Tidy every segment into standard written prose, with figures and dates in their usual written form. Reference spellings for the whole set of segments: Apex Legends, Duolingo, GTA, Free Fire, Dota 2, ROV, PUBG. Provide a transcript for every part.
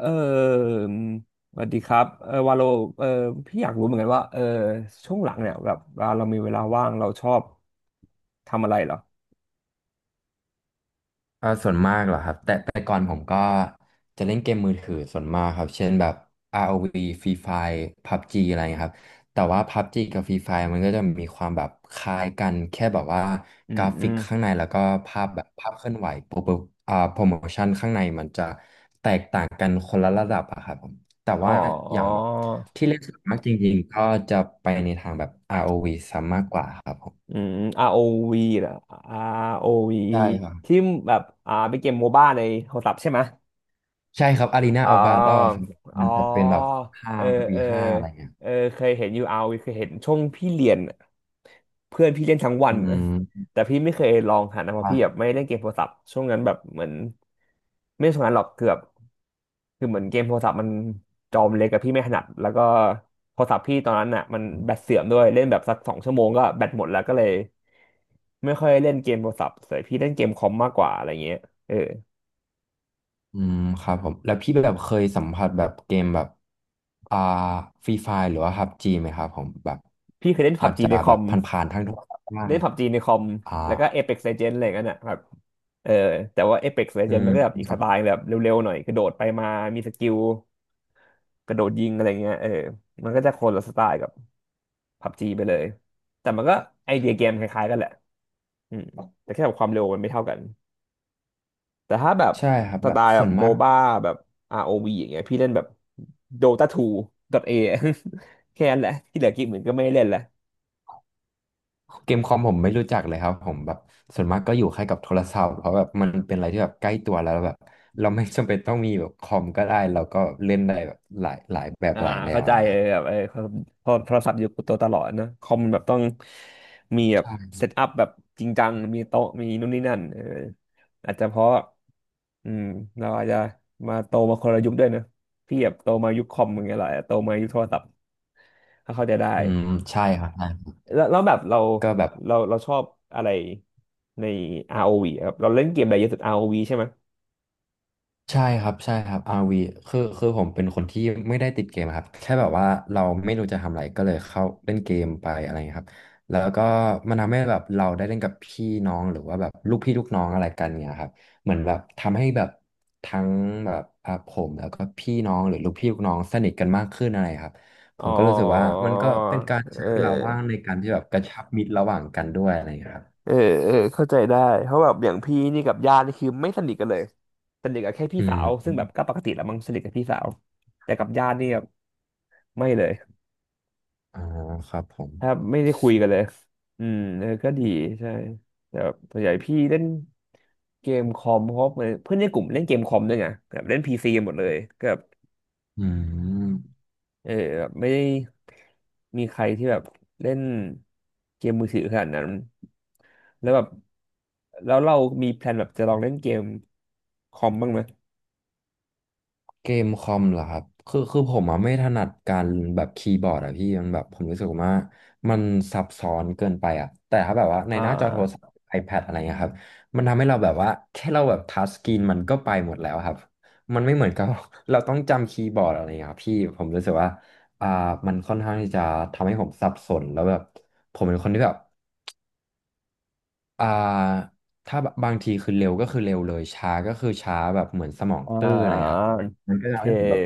เออสวัสดีครับวาโลเออพี่อยากรู้เหมือนกันว่าช่วงหลังเนี่ยแบบเวลาเรามีเวลาว่างเราชอบทำอะไรเหรอเอ่าส่วนมากเหรอครับแต่ก่อนผมก็จะเล่นเกมมือถือส่วนมากครับเช่นแบบ ROV Free Fire PUBG อะไรเงี้ยครับแต่ว่า PUBG กับ Free Fire มันก็จะมีความแบบคล้ายกันแค่แบบว่าอืกมราอืฟิกมข้างในแล้วก็ภาพแบบภาพเคลื่อนไหวโปรโมชั่นข้างในมันจะแตกต่างกันคนละระดับอะครับผมแต่อ๋ว่าออย่างแบบที่เล่นส่วนมากจริงๆก็จะไปในทางแบบ ROV ซะมากกว่าครับผมอืม ROV เหรอ ROV ใช่ครับ ที่แบบเป็นเกมโมบ้าในโทรศัพท์ใช่ไหม ใช่ครับอารีนาอ๋อัลวาโดครัอบอ๋มันอจะเป็นแบบห้าเออวีเออห้าอะไรเงี้ยเคยเห็นยูเอาเคยเห็นช่วงพี่เรียนอะเพื่อนพี่เล่นทั้งวัอืน อะมแต่พี่ไม่เคยลองหันนะเพราะพี่แบบอ่ะไม่เล่นเกมโทรศัพท์ช่วงนั้นแบบเหมือนไม่ช่วงนั้นหรอกเกือบคือเหมือนเกมโทรศัพท์มันจอมเล็กกับพี่ไม่ถนัดแล้วก็โทรศัพท์พี่ตอนนั้นอ่ะมันแบตเสื่อมด้วยเล่นแบบสักสองชั่วโมงก็แบตหมดแล้วก็เลยไม่ค่อยเล่นเกมโทรศัพท์เลยพี่เล่นเกมคอมมากกว่าอะไรเงี้ยเอออืมครับผมแล้วพี่แบบเคยสัมผัสแบบเกมแบบอ่าฟรีไฟหรือว่าพับจีไหมครับผมแบบพี่เคยเล่นพัอาบจจีจะในคแบอบม ผ่านๆทางโทรศัพท์บ้าเล่นงผับจีในคอมอ่าแล้วก็ Apex Legends อะไรกันน่ะแบบเออแต่ว่า Apex อื Legends มมันก็แบบอีคกสรับไตล์แบบเร็วๆหน่อยกระโดดไปมามีสกิลกระโดดยิงอะไรเงี้ยมันก็จะคนละสไตล์กับผับจีไปเลยแต่มันก็ไอเดียเกมคล้ายๆกันแหละอืมแต่แค่แบบความเร็วมันไม่เท่ากันแต่ถ้าแบบใช่ครับสแบไตบล์แบส่บวนโมมากบ้าแบบ ROV อวีอย่างเงี้ยพี่เล่นแบบ Dota 2 .A แค่นั้นแหละที่เหลือกิกเหมือนก็ไม่ได้เล่นละ เกมคอมผมไม่รู้จักเลยครับผมแบบส่วนมากก็อยู่แค่กับโทรศัพท์เพราะแบบมันเป็นอะไรที่แบบใกล้ตัวแล้วแบบเราไม่จำเป็นต้องมีแบบคอมก็ได้เราก็เล่นได้แบบหลายแบบอ่าหลายแนวเข้าอะใจไรครัแบบ บพอโทรศัพท์อยู่กับตัวตลอดนะคอมแบบต้องมีแบบใช่เซตอัพแบบจริงจังมีโต๊ะมีนู่นนี่นั่นอาจจะเพราะอืมเราอาจจะโตมาคนละยุคด้วยนะพี่แบบโตมายุคคอมอย่างเงี้ยแหละโตมายุคโทรศัพท์ก็เข้าใจได้อืมใช่ครับใช่แล้วแล้วแบบเราก็แบบ เราเราชอบอะไรใน ROV อวีอะครับเราเล่นเกมอะไรเยอะสุด ROV ใช่ไหมยใช่ครับใช่ครับอาร์ว v คือผมเป็นคนที่ไม่ได้ติดเกมครับแค่แบบว่าเราไม่รู้จะทำอะไร ก็เลยเข้าเล่นเกมไปอะไรเงี้ยครับแล้วก็มันทำให้แบบเราได้เล่นกับพี่น้องหรือว่าแบบลูกพี่ลูกน้องอะไรกันเงี้ยครับเหมือนแบบทำให้แบบทั้งแบบอ่ะผมแล้วก็พี่น้องหรือลูกพี่ลูกน้องสนิทกันมากขึ้นอะไรครับผอ๋อมก็รู้สึกว่ามันก็เป็นการเใช้เวลาว่างออ ในการที่แบบกระชับมิตรระหว่างกันด้วยอะไรเงี้ยครับเออเออเข้าใจได้เพราะแบบอย่างพี่นี่กับญาตินี่คือไม่สนิทกันเลยสนิทกับแค่พี่อืสามว ซึ่งแบบก็ปกติแหละมั้งสนิทกับพี่สาว แต่กับญาตินี่แบบไม่เลยอ่าครับผม ถ้าไม่ได้คุยกันเลยอืมก็ดีใช่ แต่แบบส่วนใหญ่พี่เล่นเกมคอมเพราะเหมือนเพื่อนในกลุ่มเล่นเกมคอมด้วยไงแบบเล่นพีซีหมดเลยก็แบบ อืมเออแบบไม่ได้มีใครที่แบบเล่นเกมมือถือขนาดนั้นแล้วแบบแล้วเรามีแพลนแบบจะลองเล่นเกมคอมบ้างไหมเกมคอมเหรอครับคือผมอะไม่ถนัดการแบบคีย์บอร์ดอะพี่มันแบบผมรู้สึกว่ามันซับซ้อนเกินไปอะแต่ถ้าแบบว่าในอ่หน้าจอโทรศัพาท์ iPad อะไรเงี้ยครับมันทำให้เราแบบว่าแค่เราแบบทัชสกรีนมันก็ไปหมดแล้วครับมันไม่เหมือนกับ เราต้องจำคีย์บอร์ดอะไรเงี้ยครับพี่ผมรู้สึกว่าอ่ามันค่อนข้างที่จะทำให้ผมสับสนแล้วแบบผมเป็นคนที่แบบ อ่าถ้าบางทีคือเร็วก็คือเร็วเลยช้าก็คือช้าแบบเหมือนสมองอ่ตื้ออะไรคารับมันก็โอเคทำให้ผมแบบ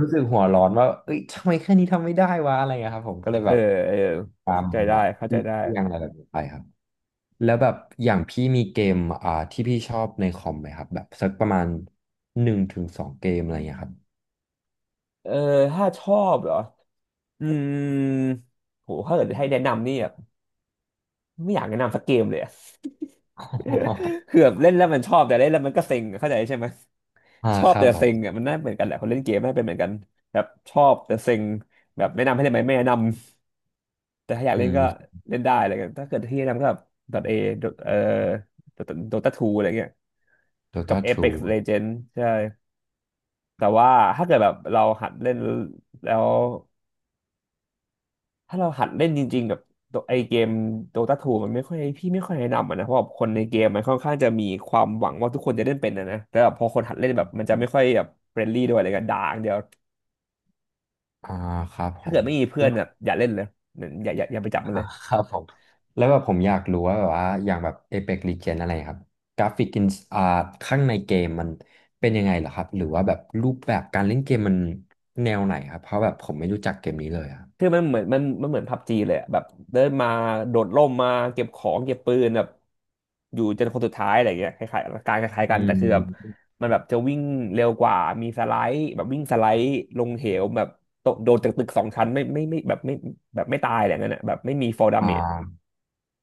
รู้สึกหัวร้อนว่าเอ้ยทำไมแค่นี้ทำไม่ได้วะอะไรเงี้ยครับผมก็เลยเออแบบเออตามเข้าใจแบได้บเข้าเลใจได้ี่ยงอะไรแบบนี้ไปครับแล้วแบบอย่างพี่มีเกมที่พี่ชอบในคอมไหมครับแบบสักประมาณหนึ่งถึงสองเกมอะไรเงี้ยครับ เออถ้าชอบเหรออืมโหถ้าเกิดให้แนะนำนี่แบบไม่อยากแนะนำสักเกมเลยอะ ออ คือแบบเล่นแล้วมันชอบแต่เล่นแล้วมันก็เซ็งอะเข้าใจใช่ไหม อ่าชอคบรัแต่บผเซ็มงเนี่ยมันน่าเหมือนกันแหละคนเล่นเกมน่าเป็นเหมือนกันแบบชอบแต่เซ็งแบบแนะนำให้เล่นไหมไม่แนะนำแต่ถ้าอยากอืเล่นม ก็เล่นได้อะไรเงี้ยถ้าเกิดที่แนะนำก็แบบ .A เอ่อ Dota 2อะไรเงี้ยกับ Dota Apex 2 Legends ใช่แต่ว่าถ้าเกิดแบบเราหัดเล่นแล้วถ้าเราหัดเล่นจริงๆแบบตัวไอเกม Dota 2มันไม่ค่อยพี่ไม่ค่อยแนะนำอะนะเพราะแบบคนในเกมมันค่อนข้างจะมีความหวังว่าทุกคนจะเล่นเป็นนะแต่แบบพอคนหัดเล่นแบบมันจะไม่ค่อยแบบเฟรนลี่ด้วยอะไรกันด่าอย่างเดียว อ่าครับผถ้าเกิม ดไม่มีเพื่อนแบบอย่าเล่นเลยเหมือนอย่าไปจับอ่ามันเลยครับผมแล้วแบบผมอยากรู้ว่าแบบว่าอย่างแบบ Apex Legends อะไรครับกราฟิกอินอ่าข้างในเกมมันเป็นยังไงเหรอครับหรือว่าแบบรูปแบบการเล่นเกมมันแนวไหนครับเพราะแบบผมไม่รู้จักเกมนี้เลยครับคือมันเหมือนมันเหมือนพับจีเลยอะแบบเดินมาโดดร่มมาเก็บของเก็บปืนแบบอยู่จนคนสุดท้ายอะไรอย่างเงี้ยคล้ายๆกัอืนแต่คือแบบมมันแบบจะวิ่งเร็วกว่ามีสไลด์แบบวิ่งสไลด์ลงเหวแบบตกโดดจากตึกสองชั้นไม่ไม่ไม่แบบไม่แบบไม่ตายอะไรเงี้ยนะแบบไม่มี fall อ่ damage า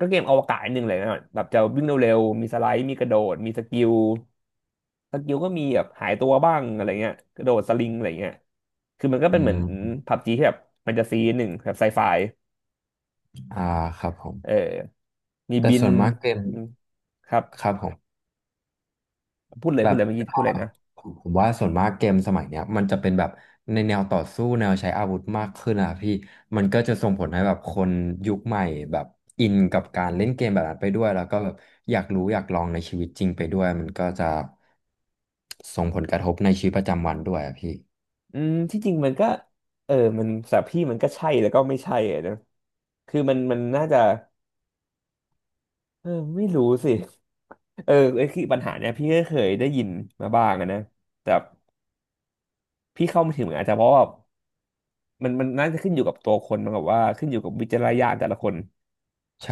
ก็เกมอวกาศนิดนึงเลยนะแบบจะวิ่งเร็วๆมีสไลด์มีกระโดดมีสกิล สกิวก็มีแบบหายตัวบ้างอะไรเงี้ยกระโดดสลิงอะไรเงี้ยคือมันก็อืเป็นเหมือนมผับจีที่แบบมันจะซีหนึ่งแบบไซไฟอ่าครับผมเออมีแต่บินส่วนมากเกมครัครับบผม พูดเลยแบพูดบเลยเมื่อกี้อ่าพูดเลยนะผมผมว่าส่วนมากเกมสมัยเนี้ยมันจะเป็นแบบในแนวต่อสู้แนวใช้อาวุธมากขึ้นอะพี่มันก็จะส่งผลให้แบบคนยุคใหม่แบบอินกับการเล่นเกมแบบนั้นไปด้วยแล้วก็แบบอยากรู้อยากลองในชีวิตจริงไปด้วยมันก็จะส่งผลกระทบในชีวิตประจำวันด้วยอะพี่อืมที่จริงมันก็เออมันสำหรับพี่มันก็ใช่แล้วก็ไม่ใช่อะนะคือมันน่าจะเออไม่รู้สิเออไอ้คือปัญหาเนี้ยพี่ก็เคยได้ยินมาบ้างอะนะแต่พี่เข้าไม่ถึงอาจจะเพราะว่ามันน่าจะขึ้นอยู่กับตัวคนมันกับว่าขึ้นอยู่กับวิจารณญาณแต่ละคน ใช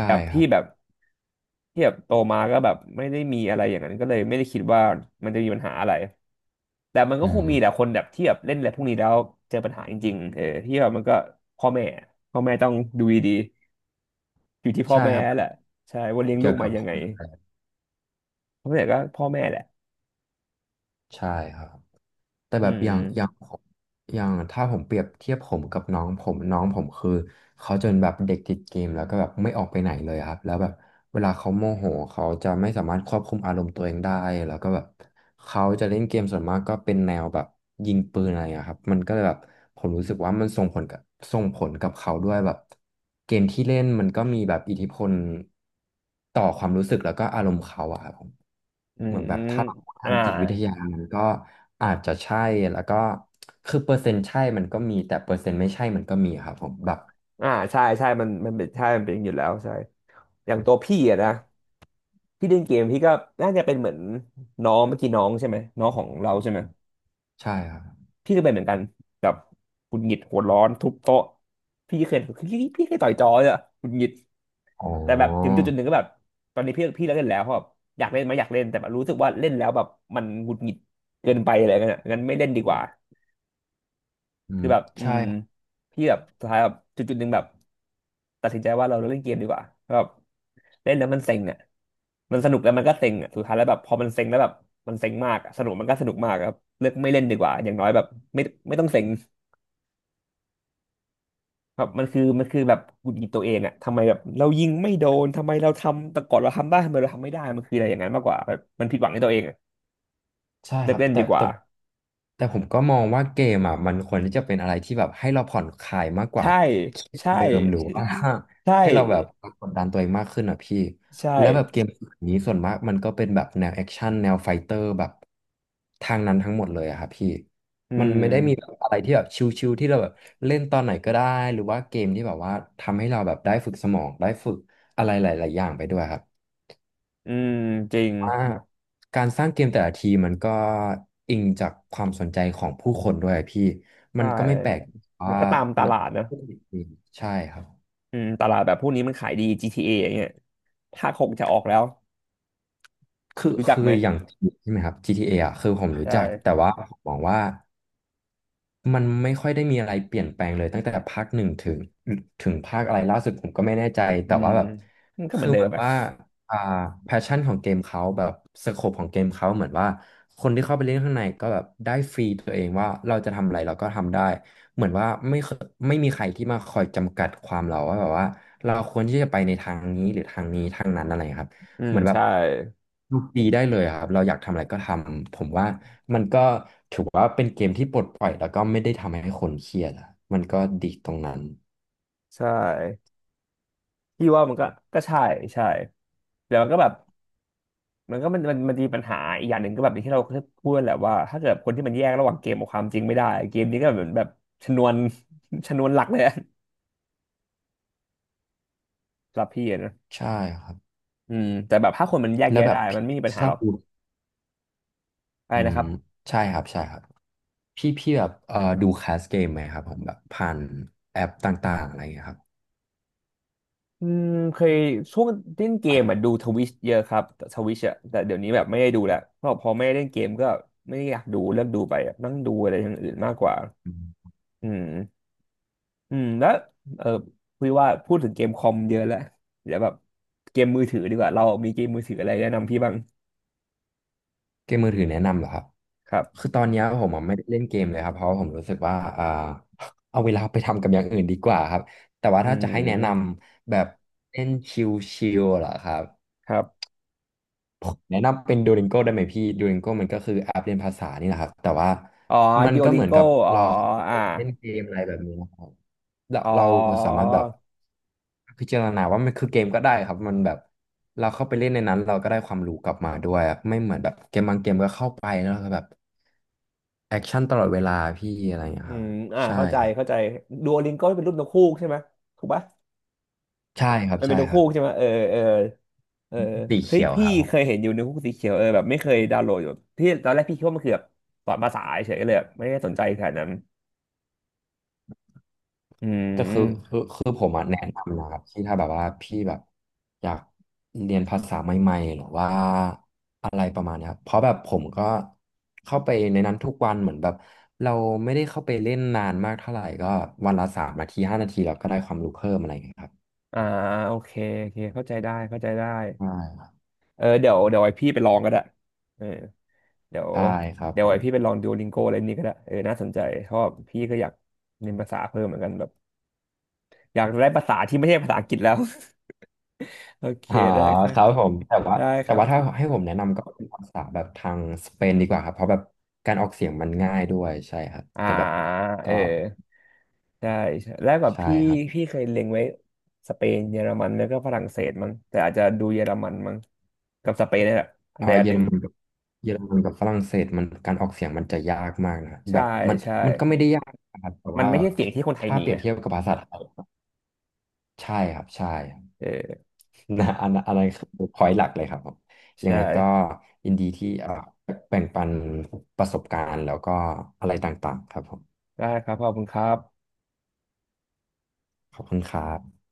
แบ่บครัพี่บแบบที่แบบโตมาก็แบบไม่ได้มีอะไรอย่างนั้นก็เลยไม่ได้คิดว่ามันจะมีปัญหาอะไรแต่มันก็อืคงมมีแหละคนแบบที่แบบเล่นอะไรพวกนี้แล้วเจอปัญหาจริงๆเออที่แบบมันก็พ่อแม่พ่อแม่ต้องดูดีๆอยู่ที่พ่อใช่แม่ครับแหละใช่ว่าเลี้ยงลูเกี่ยกวมากับยังไงเพราะฉะนั้่ก็พ่อแม่แหละใช่ครับ แต่อืแบบอย่างมผมอย่างถ้าผมเปรียบเทียบผมกับน้องผมน้องผมคือเขาจะเป็นแบบเด็กติดเกมแล้วก็แบบไม่ออกไปไหนเลยครับแล้วแบบเวลาเขาโมโหเขาจะไม่สามารถควบคุมอารมณ์ตัวเองได้แล้วก็แบบเขาจะเล่นเกมส่วนมากก็เป็นแนวแบบยิงปืนอะไรอะครับมันก็เลยแบบผมรู้สึกว่ามันส่งผลกับเขาด้วยแบบเกมที่เล่นมันก็มีแบบอิทธิพล ต่อความรู้สึกแล้วก็อารมณ์เขาอะครับผมอืเหมมือนแบอบมถ้าเราพูดทาอ่างจิตวิทยามันก็อาจจะใช่แล้วก็คือเปอร์เซ็นต์ใช่มันก็มีแต่เปอร์เซ็นต์ไม่ใช่มันก็มีครับผมแบบอ่าใช่ใช่มันเป็นใช่ มันเป็นอยู่แล้วใช่อย่างตัวพี่อะนะพี่เล่นเกมพี่ก็น่าจะเป็นเหมือนน้องเมื่อกี้น้องใช่ไหมน้องของเราใช่ไหม ใช่ครับพี่ก็เป็นเหมือนกันแบบหงุดหงิดหัวร้อนทุบโต๊ะพี่เคยต่อยจอเลยอะหงุดหงิดอ๋อแต่แบบถึงจุดจุดหนึ่งก็แบบตอนนี้พี่เลิกเล่นแล้วเพราะแบบอยากเล่นไหมอยากเล่นแต่แบบรู้สึกว่าเล่นแล้วแบบมันหงุดหงิดเกินไปอะไรเงี้ยงั้นไม่เล่นดีกว่าอืคือมแบบอืใช่ มพี่แบบสุดท้ายแบบจุดจุดหนึ่งแบบตัดสินใจว่าเราเล่นเกมดีกว่าแบบเล่นแล้วมันเซ็งอ่ะมันสนุกแล้วมันก็เซ็งอ่ะสุดท้ายแล้วแบบพอมันเซ็งแล้วแบบมันเซ็งมากอะสนุกมันก็สนุกมากอะครับเลือกไม่เล่นดีกว่าอย่างน้อยแบบไม่ไม่ต้องเซ็ง แบบมันคือแบบหงุดหงิดตัวเองอะทำไมแบบเรายิงไม่โดนทำไมเราทำแต่ก่อนเราทำได้ทำไมเราทำไม่ได้มันคืออะไรอย่างนั้นมากกว่าแบบมันผิดหวังในตัวเองอะใช่เลิคกรับเล่นแต่ดีกว่าแต่แต่ผมก็มองว่าเกมอ่ะมันควรที่จะเป็นอะไรที่แบบให้เราผ่อนคลายมากกว่าใช่เครียดกใช่ ว่าเดิมหรือว่า ใช่ ให้เราแบบกดดันตัวเองมากขึ้นอ่ะพี่ใช่แล้วแบบเกมนี้ส่วนมากมันก็เป็นแบบแนวแอคชั่นแนวไฟเตอร์แบบทางนั้นทั้งหมดเลยอะครับพี่อืมันมไม่ได้มีแบบอะไรที่แบบชิลๆที่เราแบบเล่นตอนไหนก็ได้หรือว่าเกมที่แบบว่าทำให้เราแบบได้ฝึกสมองได้ฝึกอะไรหลายๆอย่างไปด้วยครับ อืมจริงว่าการสร้างเกมแต่ละทีมันก็อิงจากความสนใจของผู้คนด้วยพี่มัใช่นก็ไม่แปลกมัว่านก็ตามตนักลาดนะผู้ผลิตเองใช่ครับอืมตลาดแบบพวกนี้มันขายดี GTA ออย่างเงี้ยภาคหกจะออกแล้วคือรู้จักคือไหมอย่างใช่ไหมครับ GTA ออ่ะคือผมรู้จักแต่ใช่ว่าผมมองว่า มันไม่ค่อยได้มีอะไรเปลี่ยนแปลงเลยตั้งแต่ภาคหนึ่งถึงภาคอะไรล่าสุดผมก็ไม่แน่ใจอืแต่ว่ามแบบมันก็เหมืคืออนเดิเหมืมอนอะว่าอ่าแพชชั่นของเกมเขาแบบสโคปของเกมเขาเหมือนว่าคนที่เข้าไปเล่นข้างในก็แบบได้ฟรีตัวเองว่าเราจะทำอะไรเราก็ทำได้เหมือนว่าไม่เคยไม่มีใครที่มาคอยจำกัดความเราว่าแบบว่าเราควรที่จะไปในทางนี้หรือทางนี้ทางนั้นอะไรครับ อืมเหมือนแบบใช่ดูฟรีได้เลยอะครับเราอยากทำอะไรก็ทำผมว่ามันก็ถือว่าเป็นเกมที่ปลดปล่อยแล้วก็ไม่ได้ทำให้คนเครียดอะมันก็ดีตรงนั้นใช่พี่ว่ามันก็ก็ใช่ใช่แต่มันก็แบบ มันก็มันมีปัญหาอีกอย่างหนึ่งก็แบบอย่างที่เราเคยพูดแหละว่าถ้าเกิดคนที่มันแยกระหว่างเกมกับความจริงไม่ได้เกมนี้ก็เหมือนแบบชนวน ชนวนหลักเลยอะสำหรับพี่อะนะใช่ครับอืมแต่แบบถ้าคนมันแยกแล้แยะวแบได้บมัพี่นไม่มีปัญชหาอหรบอกดูอะไรอืนะมครับใช่ครับใช่ครับพี่แบบดูแคสเกมไหมครับผมแบบผ่านแอปต่างๆอะไรอย่างเงี้ยครับ อืมเคยช่วงเล่นเกมอ่ะดูทวิชเยอะครับทวิชอ่ะแต่เดี๋ยวนี้แบบไม่ได้ดูแล้วเพราะพอไม่ได้เล่นเกมก็ไม่ได้อยากดูเลิกดูไปอะนั่งดูอะไรอย่างอื่นมากกว่าอืม อืมแล้วเออคุยว่าพูดถึงเกมคอมเยอะแล้วเดี๋ยวแบบเกมมือถือดีกว่าเรามีเกมมือถืออะไรแนะนำพี่บ้างเกมมือถือแนะนำเหรอครับ ครับคือตอนเนี้ยผมอะไม่ได้เล่นเกมเลยครับเพราะว่าผมรู้สึกว่าเอาเวลาไปทำกับอย่างอื่นดีกว่าครับ แต่ว่าอืถ้าจะให้แนะนมำแบบเล่นชิลๆเหรอครับ ครับผมแนะนำเป็น Duolingo ได้ไหมพี่ Duolingo มันก็คือแอปเรียนภาษานี่แหละครับแต่ว่าอ๋อมันดิโอก็ลิเหงมือนโกกับอ๋อเราไปอ่าเล่นเกมอะไรแบบนี้นะครับเราอ๋อเราสามารถแบบพิจารณาว่ามันคือเกมก็ได้ครับมันแบบเราเข้าไปเล่นในนั้นเราก็ได้ความรู้กลับมาด้วยอะไม่เหมือนแบบเกมบางเกมก็เข้าไปแล้วก็แบบแอคชั่นตลอดเวลาพี่อะไรอย่างเงี้อืยครับมอ่าใช่เข้าใจครับเข้าใจดูโอลิงโกเป็นรุ่นักฮูกใช่ไหมถูกปะใช่ครับมันเป็นใช่นกคฮูรับกใช่ไหมเออเออเออสีเฮ้ยเขียวคพี่รับ เคยเห็นอยู่ในกฮูกสีเขียวเออแบบไม่เคยดาวน์โหลดอยู่ที่ตอนแรกพี่คิดว่ามันคือแบบสอนภาษาเฉยๆเลยแบบไม่ได้สนใจขนาดนั้นอืแต่คือคือม คือผมอะแนะนำนะครับที่ถ้าแบบว่าพี่แบบอยากเรียนภาษาใหม่ๆหรือว่าอะไรประมาณเนี้ยครับเพราะแบบผมก็เข้าไปในนั้นทุกวันเหมือนแบบเราไม่ได้เข้าไปเล่นนานมากเท่าไหร่ก็วันละ3 นาที5 นาทีเราก็ได้ความรู้เพิ่มอะไรอย่างเงี้ยครับอ่าโอเคโอเคเข้าใจได้เข้าใจได้ใช่ครับเออเดี๋ยวไอพี่ไปลองก็ได้เออเดี๋ยวใช่ครับเดี๋ยผวไอมพี่ไปลองดูลิงโกอะไรนี่ก็ได้เออน่าสนใจเพราะว่าพี่ก็อยากเรียนภาษาเพิ่มเหมือนกันแบบอยากได้ภาษาที่ไม่ใช่ภาษาอังกฤษแล้ว โอเคอ๋อได้ครัคบรับผมแต่ว่าได้คแต่รัว่าถ้าบให้ผมแนะนำก็เป็นภาษาแบบทางสเปนดีกว่าครับเพราะแบบการออกเสียงมันง่ายด้วยใช่ครับอ่าแต่แบบเอก็อใช่ใช่แล้วแบบใช่พี่ครับ พี่เคยเล็งไว้สเปนเยอรมันแล้วก็ฝรั่งเศสมั้งแต่อาจจะดูเยอรมันมั้งกับสเปนนี่แหละอันใดอาะอันเยหอนึ่รงมันกับเยอรมันกับฝรั่งเศสมันการออกเสียงมันจะยากมากนะครับแบใช่บมันใช่มันก็ไม่ได้ยากนะครับแต่มันว่าไม่ใช่เสียงที่คนไทยถ้ามีเปรียไง บเทียบกับภาษาไทยใช่ครับใช่ครับ เออ นะอันนั้นคือพอยต์หลักเลยครับผมยัใช่งไงก็ยินดีที่แบ่งปันประสบการณ์แล้วก็อะไรต่างๆครับผมได้ครับขอบคุณครับขอบคุณครับ